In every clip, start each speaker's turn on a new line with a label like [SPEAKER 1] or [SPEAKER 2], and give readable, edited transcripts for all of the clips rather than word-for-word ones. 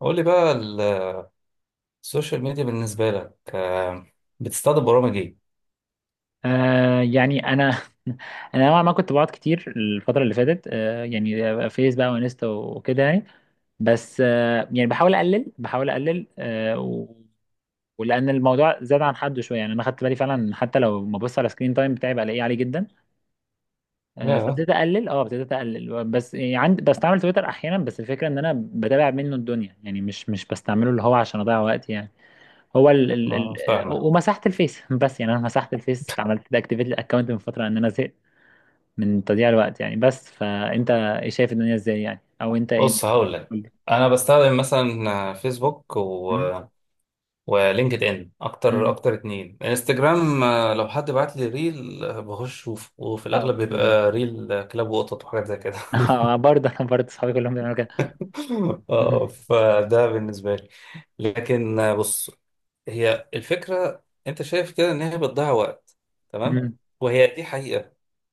[SPEAKER 1] قول لي بقى السوشيال ميديا بالنسبة لك بتستخدم برامج ايه؟
[SPEAKER 2] انا انا نوعا ما كنت بقعد كتير الفتره اللي فاتت، فيس بقى وانستا وكده يعني. بس بحاول اقلل ولان الموضوع زاد عن حده شويه، يعني انا خدت بالي فعلا حتى لو ما ببص على سكرين تايم بتاعي بلاقيه عالي جدا.
[SPEAKER 1] يا
[SPEAKER 2] فابتديت اقلل، ابتديت اقلل. بس يعني عندي، بستعمل تويتر احيانا، بس الفكره ان انا بتابع منه الدنيا يعني. مش بستعمله اللي هو عشان اضيع وقت يعني. هو ال ال
[SPEAKER 1] ما
[SPEAKER 2] ال
[SPEAKER 1] فاهمك.
[SPEAKER 2] ومسحت الفيس بس يعني انا مسحت الفيس، عملت اكتيفيت الاكونت من فتره، ان انا زهقت من تضييع الوقت يعني. بس فانت ايه شايف الدنيا ازاي يعني، او انت ايه
[SPEAKER 1] بص، هقول لك.
[SPEAKER 2] بتقول لي؟
[SPEAKER 1] انا بستخدم مثلا فيسبوك
[SPEAKER 2] مم؟
[SPEAKER 1] ولينكد ان اكتر،
[SPEAKER 2] مم.
[SPEAKER 1] اتنين انستجرام. لو حد بعت لي ريل، بخش اشوفه، وفي
[SPEAKER 2] آه،
[SPEAKER 1] الاغلب
[SPEAKER 2] بالظبط.
[SPEAKER 1] بيبقى ريل كلاب وقطط وحاجات زي كده.
[SPEAKER 2] آه، برضه انا، صحابي كلهم بيعملوا كده. مم.
[SPEAKER 1] اه، فده بالنسبة لي. لكن بص، هي الفكرة انت شايف كده ان هي بتضيع وقت، تمام؟
[SPEAKER 2] مم.
[SPEAKER 1] وهي دي حقيقة.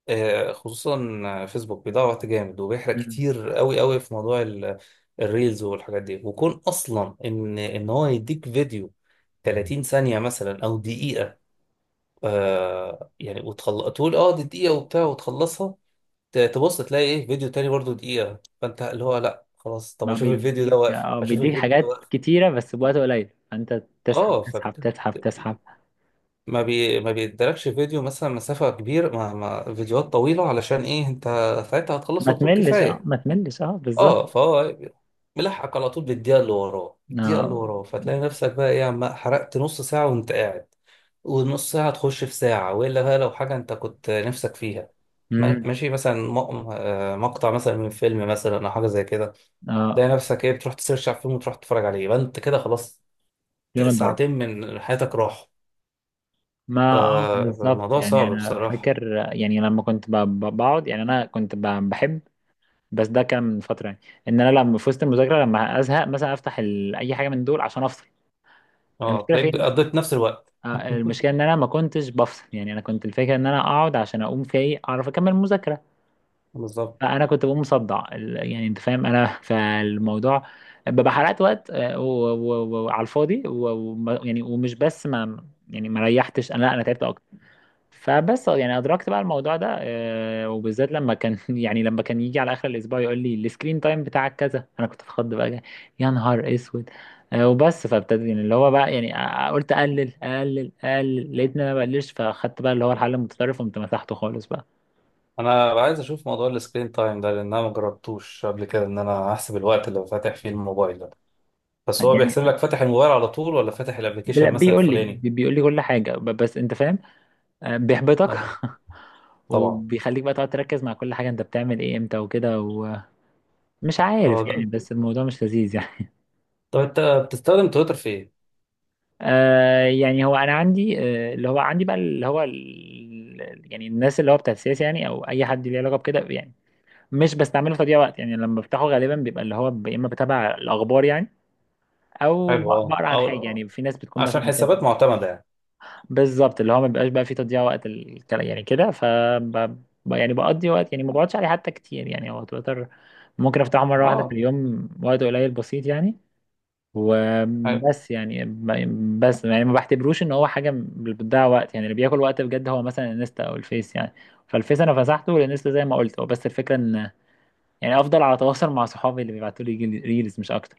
[SPEAKER 1] خصوصا فيسبوك بيضيع وقت جامد، وبيحرق
[SPEAKER 2] مم.
[SPEAKER 1] كتير قوي قوي في موضوع الريلز والحاجات دي. وكون اصلا ان هو يديك فيديو 30 ثانية مثلا او دقيقة، وتخلص تقول اه دي دقيقة وبتاع، وتخلصها، تبص تلاقي ايه فيديو تاني برضو دقيقة، فانت اللي هو لا خلاص، طب
[SPEAKER 2] ما
[SPEAKER 1] اشوف الفيديو ده
[SPEAKER 2] بيديك،
[SPEAKER 1] واقف، اشوف
[SPEAKER 2] بيديك
[SPEAKER 1] الفيديو ده
[SPEAKER 2] حاجات
[SPEAKER 1] واقف.
[SPEAKER 2] كتيره بس بوقت قليل، فانت
[SPEAKER 1] اه،
[SPEAKER 2] تسحب.
[SPEAKER 1] ما بيدركش فيديو مثلا مسافة كبيرة. ما فيديوهات طويلة علشان ايه، انت ساعتها
[SPEAKER 2] ما
[SPEAKER 1] هتخلصه بطول
[SPEAKER 2] تملش،
[SPEAKER 1] كفاية.
[SPEAKER 2] اه بالظبط.
[SPEAKER 1] اه، فهو ملحق على طول بالدقيقة اللي وراه، الدقيقة اللي
[SPEAKER 2] اه.
[SPEAKER 1] وراه، فتلاقي نفسك بقى ايه، عم حرقت نص ساعة وانت قاعد، والنص ساعة تخش في ساعة. وإلا بقى لو حاجة أنت كنت نفسك فيها،
[SPEAKER 2] مم.
[SPEAKER 1] ماشي، مثلا مقطع مثلا من فيلم مثلا أو حاجة زي كده،
[SPEAKER 2] اه.
[SPEAKER 1] تلاقي نفسك ايه بتروح تسيرش على الفيلم وتروح تتفرج عليه، يبقى انت كده خلاص،
[SPEAKER 2] يوم الضرب.
[SPEAKER 1] ساعتين من حياتك راحوا.
[SPEAKER 2] ما اه بالظبط.
[SPEAKER 1] فالموضوع
[SPEAKER 2] يعني
[SPEAKER 1] صعب
[SPEAKER 2] انا
[SPEAKER 1] بصراحة.
[SPEAKER 2] فاكر، يعني لما كنت بقعد يعني انا كنت بحب بس ده كان من فتره يعني، ان انا لما في وسط المذاكره لما ازهق مثلا افتح اي حاجه من دول عشان افصل.
[SPEAKER 1] اه،
[SPEAKER 2] المشكله
[SPEAKER 1] تلاقيك
[SPEAKER 2] فين؟
[SPEAKER 1] قضيت نفس الوقت.
[SPEAKER 2] آه، المشكله ان انا ما كنتش بفصل. يعني انا كنت الفكره ان انا اقعد عشان اقوم في ايه، اعرف اكمل المذاكره.
[SPEAKER 1] بالظبط.
[SPEAKER 2] فانا كنت بقوم مصدع يعني انت فاهم انا. فالموضوع ببقى حرقت وقت، آه، وعلى الفاضي يعني ومش بس ما، يعني ما ريحتش انا، لا انا تعبت. فبس يعني ادركت بقى الموضوع ده، آه، وبالذات لما كان يعني لما كان يجي على اخر الاسبوع يقول لي السكرين تايم بتاعك كذا، انا كنت اتخض بقى. يا نهار اسود. آه، وبس فابتدي يعني اللي هو بقى يعني، قلت اقلل لقيت ان انا ما بقللش، فاخدت بقى اللي هو الحل المتطرف وقمت مسحته خالص بقى.
[SPEAKER 1] انا عايز اشوف موضوع السكرين تايم ده، لان انا ما جربتوش قبل كده، ان انا احسب الوقت اللي فاتح فيه الموبايل ده. بس هو بيحسب
[SPEAKER 2] يعني
[SPEAKER 1] لك فاتح الموبايل على طول، ولا فاتح الابلكيشن مثلا
[SPEAKER 2] بيقول لي،
[SPEAKER 1] الفلاني؟
[SPEAKER 2] بيقول لي كل حاجه بس انت فاهم. آه، بيحبطك.
[SPEAKER 1] اه، طبعا.
[SPEAKER 2] وبيخليك بقى تقعد تركز مع كل حاجه انت بتعمل ايه امتى وكده، ومش
[SPEAKER 1] اه،
[SPEAKER 2] عارف يعني.
[SPEAKER 1] لا.
[SPEAKER 2] بس الموضوع مش لذيذ يعني.
[SPEAKER 1] طب انت بتستخدم تويتر في ايه؟
[SPEAKER 2] آه يعني هو انا عندي، آه اللي هو عندي بقى اللي هو يعني الناس اللي هو بتاع السياسه يعني، او اي حد ليه علاقه بكده يعني. مش بستعمله تضييع وقت يعني، لما بفتحه غالبا بيبقى اللي هو يا اما بتابع الاخبار يعني، او
[SPEAKER 1] حلو، اه،
[SPEAKER 2] بقرا عن حاجه
[SPEAKER 1] او
[SPEAKER 2] يعني، في ناس بتكون
[SPEAKER 1] عشان
[SPEAKER 2] مثلا
[SPEAKER 1] حسابات
[SPEAKER 2] كاتبه.
[SPEAKER 1] معتمدة يعني.
[SPEAKER 2] بالظبط، اللي هو ما بيبقاش بقى فيه تضييع وقت الكلام يعني كده. ف يعني بقضي وقت يعني، ما بقعدش عليه حتى كتير يعني. هو تويتر ممكن افتحه مره واحده في
[SPEAKER 1] اه،
[SPEAKER 2] اليوم، وقت قليل بسيط يعني. وبس يعني بس يعني ما بعتبروش ان هو حاجه بتضيع وقت يعني. اللي بياكل وقت بجد هو مثلا الانستا او الفيس يعني. فالفيس انا مسحته، والانستا زي ما قلت، هو بس الفكره ان يعني افضل على تواصل مع صحابي اللي بيبعتوا لي ريلز مش اكتر.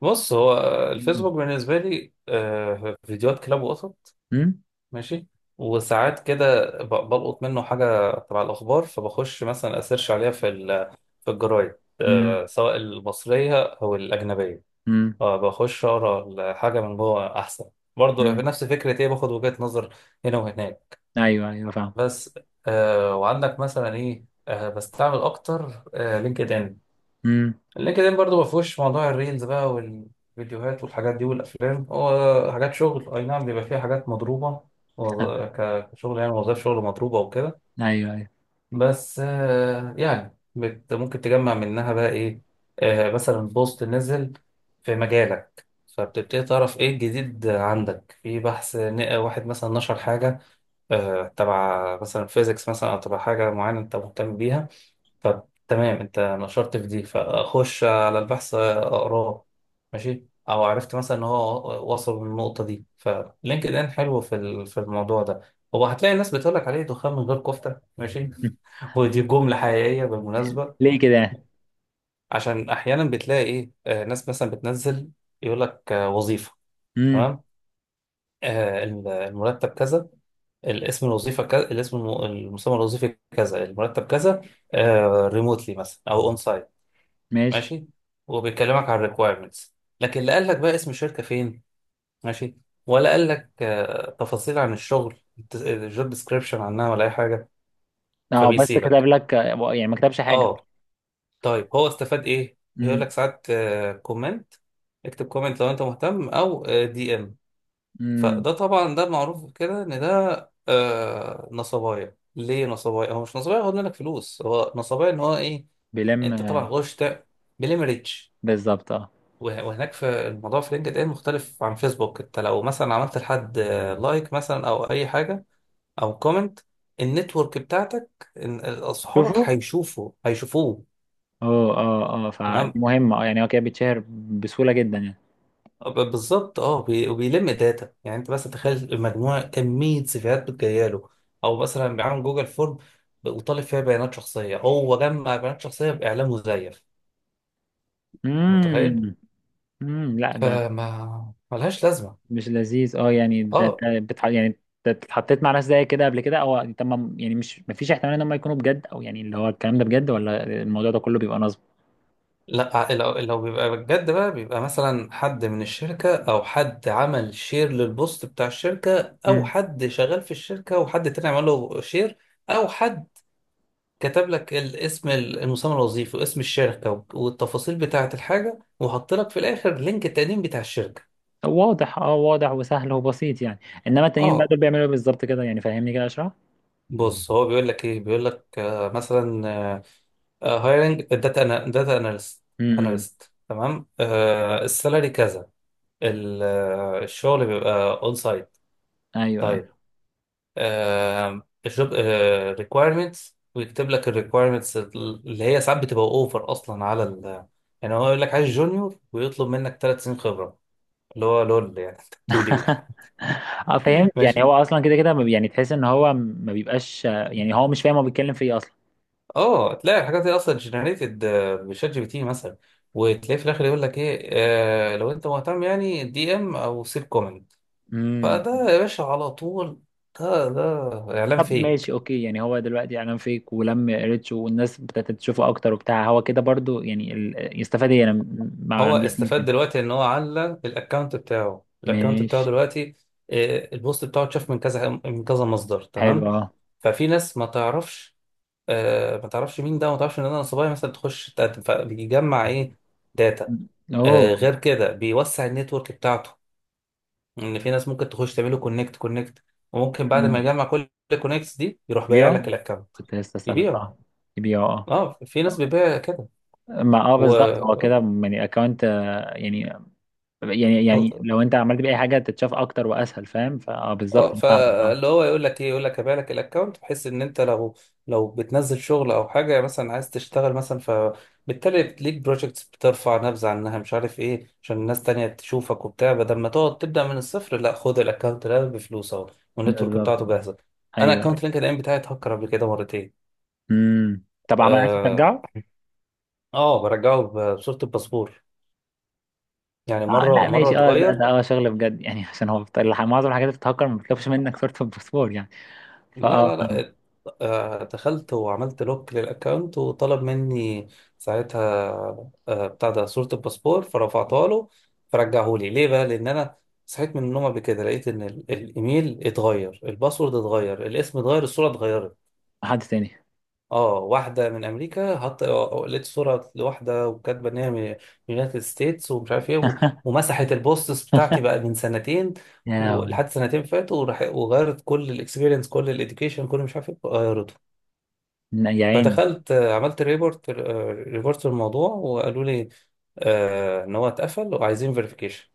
[SPEAKER 1] بص، هو
[SPEAKER 2] مم.
[SPEAKER 1] الفيسبوك بالنسبة لي فيديوهات كلاب وقطط،
[SPEAKER 2] امم.
[SPEAKER 1] ماشي. وساعات كده بلقط منه حاجة تبع الأخبار، فبخش مثلا أسيرش عليها في في الجرايد،
[SPEAKER 2] امم.
[SPEAKER 1] سواء المصرية أو الأجنبية.
[SPEAKER 2] امم.
[SPEAKER 1] بخش أقرأ الحاجة من جوه أحسن، برضه في
[SPEAKER 2] امم.
[SPEAKER 1] نفس فكرة إيه، باخد وجهة نظر هنا وهناك
[SPEAKER 2] ايوه ايوه، فاهم.
[SPEAKER 1] بس. وعندك مثلا إيه، بستعمل أكتر لينكد إن.
[SPEAKER 2] امم.
[SPEAKER 1] اللينكدين برضه ما فيهوش موضوع الريلز بقى والفيديوهات والحاجات دي والافلام، هو حاجات شغل. اي نعم، بيبقى فيها حاجات مضروبه، كشغل يعني، وظائف شغل مضروبه وكده،
[SPEAKER 2] ايوه ايوه.
[SPEAKER 1] بس بت ممكن تجمع منها بقى ايه، مثلا بوست نزل في مجالك، فبتبتدي تعرف ايه الجديد عندك في بحث، واحد مثلا نشر حاجه، تبع مثلا فيزيكس مثلا، او تبع حاجه معينه انت مهتم بيها. طب تمام، انت نشرت في دي، فاخش على البحث اقراه، ماشي. او عرفت مثلا ان هو وصل للنقطه دي. فلينكد ان حلو في في الموضوع ده، هو هتلاقي الناس بتقول لك عليه دخان من غير كفته، ماشي.
[SPEAKER 2] مم.
[SPEAKER 1] ودي جمله حقيقيه بالمناسبه.
[SPEAKER 2] ليه كده؟
[SPEAKER 1] عشان احيانا بتلاقي ايه ناس مثلا بتنزل، يقول لك وظيفه،
[SPEAKER 2] امم.
[SPEAKER 1] تمام، المرتب كذا، الاسم الوظيفه كذا، المسمى الوظيفي كذا، المرتب كذا، ريموتلي مثلا او اون،
[SPEAKER 2] ماشي.
[SPEAKER 1] ماشي، وبيكلمك عن الريكوايرمنتس. لكن لا قال لك بقى اسم الشركه فين، ماشي، ولا قال لك تفاصيل عن الشغل، الجوب ديسكريبشن عنها، ولا اي حاجه،
[SPEAKER 2] اه بس كتب
[SPEAKER 1] فبيسيبك.
[SPEAKER 2] لك، يعني ما كتبش حاجه.
[SPEAKER 1] اه. طيب هو استفاد ايه؟ بيقول
[SPEAKER 2] امم.
[SPEAKER 1] لك ساعات كومنت، اكتب كومنت لو انت مهتم، او دي ام.
[SPEAKER 2] امم.
[SPEAKER 1] فده طبعا ده معروف كده ان ده نصبايا. ليه نصبايا؟ هو مش نصبايا هو منك فلوس، هو نصبايا ان هو ايه،
[SPEAKER 2] بيلم.
[SPEAKER 1] انت طبعا
[SPEAKER 2] آه،
[SPEAKER 1] غشت بليمريتش.
[SPEAKER 2] بالظبط. اه.
[SPEAKER 1] وهناك في الموضوع في لينكد ان مختلف عن فيسبوك، انت لو مثلا عملت لحد لايك مثلا، او اي حاجه، او كومنت، النتورك بتاعتك، اصحابك
[SPEAKER 2] شوفوا.
[SPEAKER 1] هيشوفوه،
[SPEAKER 2] اه فدي
[SPEAKER 1] تمام؟
[SPEAKER 2] مهمة، اه يعني هو كده بيتشهر بسهولة جدا يعني.
[SPEAKER 1] بالظبط، اه، وبيلم داتا يعني، انت بس تخيل مجموعه، كميه سيفيهات بتجيله له، او مثلا بيعمل جوجل فورم، وطالب فيها بيانات شخصيه، هو جمع بيانات شخصيه باعلام مزيف، متخيل؟
[SPEAKER 2] امم. امم. لا ده
[SPEAKER 1] فما ملهاش لازمه.
[SPEAKER 2] مش لذيذ اه يعني. ده
[SPEAKER 1] اه،
[SPEAKER 2] ده يعني أنت اتحطيت مع ناس زي كده قبل كده؟ او تمام يعني، مش مفيش احتمال ان هم يكونوا بجد، او يعني اللي هو الكلام ده بجد، ولا الموضوع ده كله بيبقى نصب؟
[SPEAKER 1] لا، لو بيبقى بجد بقى، بيبقى مثلا حد من الشركة، أو حد عمل شير للبوست بتاع الشركة، أو
[SPEAKER 2] امم.
[SPEAKER 1] حد شغال في الشركة وحد تاني عمل له شير، أو حد كتب لك الاسم المسمى الوظيفي واسم الشركة، والتفاصيل بتاعة الحاجة، وحط لك في الآخر لينك التقديم بتاع الشركة.
[SPEAKER 2] واضح، اه واضح وسهل وبسيط يعني. انما التانيين بقى
[SPEAKER 1] اه،
[SPEAKER 2] دول بيعملوا ايه بالظبط كده يعني؟ فهمني كده، اشرح.
[SPEAKER 1] بص، هو بيقول لك ايه، بيقول لك مثلا هايرنج داتا
[SPEAKER 2] امم.
[SPEAKER 1] اناليست، تمام، السالري كذا، الشغل بيبقى اون سايت،
[SPEAKER 2] ايوه
[SPEAKER 1] طيب،
[SPEAKER 2] ايوه.
[SPEAKER 1] آه، الجوب آه requirements، ويكتب لك ال requirements اللي هي ساعات بتبقى اوفر اصلا على ال. يعني هو يقول لك عايز جونيور ويطلب منك ثلاث سنين خبره، اللي هو لول يعني، انت بتقول ايه.
[SPEAKER 2] اه فهمت. يعني
[SPEAKER 1] ماشي.
[SPEAKER 2] هو اصلا كده كده ما بي- يعني تحس ان هو ما بيبقاش، يعني هو مش فاهم هو بيتكلم في ايه اصلا.
[SPEAKER 1] اه، تلاقي الحاجات دي اصلا جنريتد بشات جي بي تي مثلا، وتلاقي في الاخر يقول لك ايه، آه، لو انت مهتم يعني، دي ام، او سيب كومنت.
[SPEAKER 2] امم.
[SPEAKER 1] فده يا باشا على طول، ده ده اعلان
[SPEAKER 2] طب ماشي،
[SPEAKER 1] فيك.
[SPEAKER 2] اوكي. يعني هو دلوقتي اعلان فيك، ولم ريتش والناس ابتدت تشوفه اكتر وبتاع، هو كده برضو يعني يستفاد ايه؟ انا ما
[SPEAKER 1] هو
[SPEAKER 2] عنديش
[SPEAKER 1] استفاد
[SPEAKER 2] لينكدين.
[SPEAKER 1] دلوقتي ان هو علّى الاكونت بتاعه، الاكونت بتاعه
[SPEAKER 2] ماشي.
[SPEAKER 1] دلوقتي البوست بتاعه اتشاف من كذا من كذا مصدر،
[SPEAKER 2] حلو
[SPEAKER 1] تمام.
[SPEAKER 2] اه.
[SPEAKER 1] ففي ناس ما تعرفش، ما تعرفش مين ده، ما تعرفش ان انا صبايا مثلا، تخش تقدم، فبيجمع ايه، داتا.
[SPEAKER 2] اوه.
[SPEAKER 1] غير كده بيوسع النتورك بتاعته، ان في ناس ممكن تخش تعمله كونكت كونكت، وممكن بعد ما
[SPEAKER 2] أمم.
[SPEAKER 1] يجمع كل الكونكتس دي، يروح بايع لك
[SPEAKER 2] يبيعه؟
[SPEAKER 1] الاكونت.
[SPEAKER 2] كنت لسه اسالك.
[SPEAKER 1] يبيعه؟
[SPEAKER 2] اه يبيعه.
[SPEAKER 1] اه، في ناس
[SPEAKER 2] اه.
[SPEAKER 1] بتبيع كده.
[SPEAKER 2] ما اه
[SPEAKER 1] و
[SPEAKER 2] بالظبط، هو كده يعني اكونت يعني، يعني
[SPEAKER 1] آه،
[SPEAKER 2] لو انت عملت بيه اي حاجه تتشاف اكتر واسهل، فاهم. فاه بالظبط،
[SPEAKER 1] اه،
[SPEAKER 2] انا فاهمك اه.
[SPEAKER 1] فاللي هو يقول لك هبيع لك الاكونت، بحيث ان انت لو بتنزل شغل او حاجه، مثلا عايز تشتغل مثلا، فبالتالي ليك بروجكتس، بترفع نبذه عنها، مش عارف ايه، عشان الناس تانية تشوفك وبتاع، بدل ما تقعد تبدا من الصفر، لا خد الاكونت ده بفلوس اهو، والنتورك
[SPEAKER 2] بالظبط.
[SPEAKER 1] بتاعته جاهزه. انا
[SPEAKER 2] ايوه.
[SPEAKER 1] اكونت لينكد ان بتاعي اتهكر قبل كده مرتين.
[SPEAKER 2] امم. طب عمل، عايز
[SPEAKER 1] اه،
[SPEAKER 2] ترجعه؟
[SPEAKER 1] برجعه بصوره الباسبور، يعني
[SPEAKER 2] اه.
[SPEAKER 1] مره
[SPEAKER 2] لا
[SPEAKER 1] مره
[SPEAKER 2] ماشي اه، ده
[SPEAKER 1] اتغير.
[SPEAKER 2] ده اه شغل بجد يعني، عشان هو معظم الحاجات اللي بتتهكر ما بتطلبش منك صورة الباسبور يعني.
[SPEAKER 1] لا
[SPEAKER 2] فاه.
[SPEAKER 1] لا لا، دخلت وعملت لوك للأكاونت، وطلب مني ساعتها بتاع ده صورة الباسبور، فرفعتها له، فرجعه لي. ليه بقى؟ لأن أنا صحيت من النوم قبل كده لقيت إن الإيميل اتغير، الباسورد اتغير، الاسم اتغير، الصورة اتغيرت.
[SPEAKER 2] حد تاني؟
[SPEAKER 1] اه، واحدة من أمريكا حط، لقيت صورة لواحدة وكاتبة إن هي من يونايتد ستيتس ومش عارف إيه ومسحت البوستس بتاعتي بقى من سنتين،
[SPEAKER 2] يا لهوي.
[SPEAKER 1] ولحد سنتين فاتوا، وغيرت كل الإكسبيرينس، كل الإديوكيشن، كل مش عارف إيه غيرته.
[SPEAKER 2] لا، يا عيني.
[SPEAKER 1] فدخلت عملت ريبورت، ريبورت الموضوع، وقالوا لي إن هو اتقفل وعايزين فيريفيكيشن،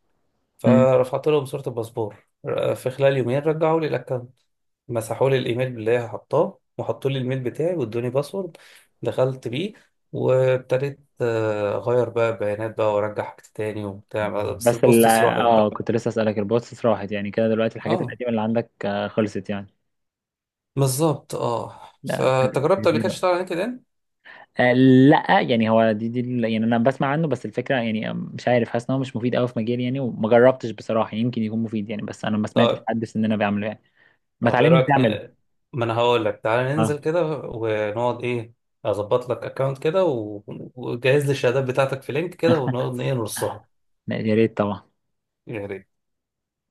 [SPEAKER 2] مم.
[SPEAKER 1] فرفعت لهم صورة الباسبور. في خلال يومين رجعوا لي الأكونت، مسحوا لي الايميل اللي هي حطاه، وحطوا لي الميل بتاعي، وادوني باسورد، دخلت بيه، وابتديت اغير بقى بيانات بقى، وارجع حاجات تاني وبتاع، بس
[SPEAKER 2] بس ال،
[SPEAKER 1] البوستس راحت
[SPEAKER 2] اه
[SPEAKER 1] بقى.
[SPEAKER 2] كنت لسه اسألك، البوستس راحت يعني؟ كده دلوقتي الحاجات
[SPEAKER 1] اه،
[SPEAKER 2] القديمة اللي عندك، آه، خلصت يعني.
[SPEAKER 1] بالظبط اه.
[SPEAKER 2] لا.
[SPEAKER 1] فانت جربت قبل كده
[SPEAKER 2] تجديد.
[SPEAKER 1] تشتغل على لينكد ان؟
[SPEAKER 2] آه، لا يعني هو دي يعني انا بسمع عنه، بس الفكره يعني، آه، مش عارف، حاسس ان هو مش مفيد قوي في مجالي يعني، وما جربتش بصراحه. يمكن يكون مفيد يعني، بس انا ما سمعتش
[SPEAKER 1] طيب،
[SPEAKER 2] حد في سننا بيعمله يعني. ما
[SPEAKER 1] طب ايه
[SPEAKER 2] تعلمني ازاي
[SPEAKER 1] رايك
[SPEAKER 2] اعمله؟
[SPEAKER 1] ما انا هقول لك، تعالى ننزل
[SPEAKER 2] اه.
[SPEAKER 1] كده ونقعد ايه، اظبط لك اكونت كده، وجهز لي الشهادات بتاعتك في لينك كده، ونقعد ايه نرصها
[SPEAKER 2] لا، يا ريت طبعا.
[SPEAKER 1] يعني.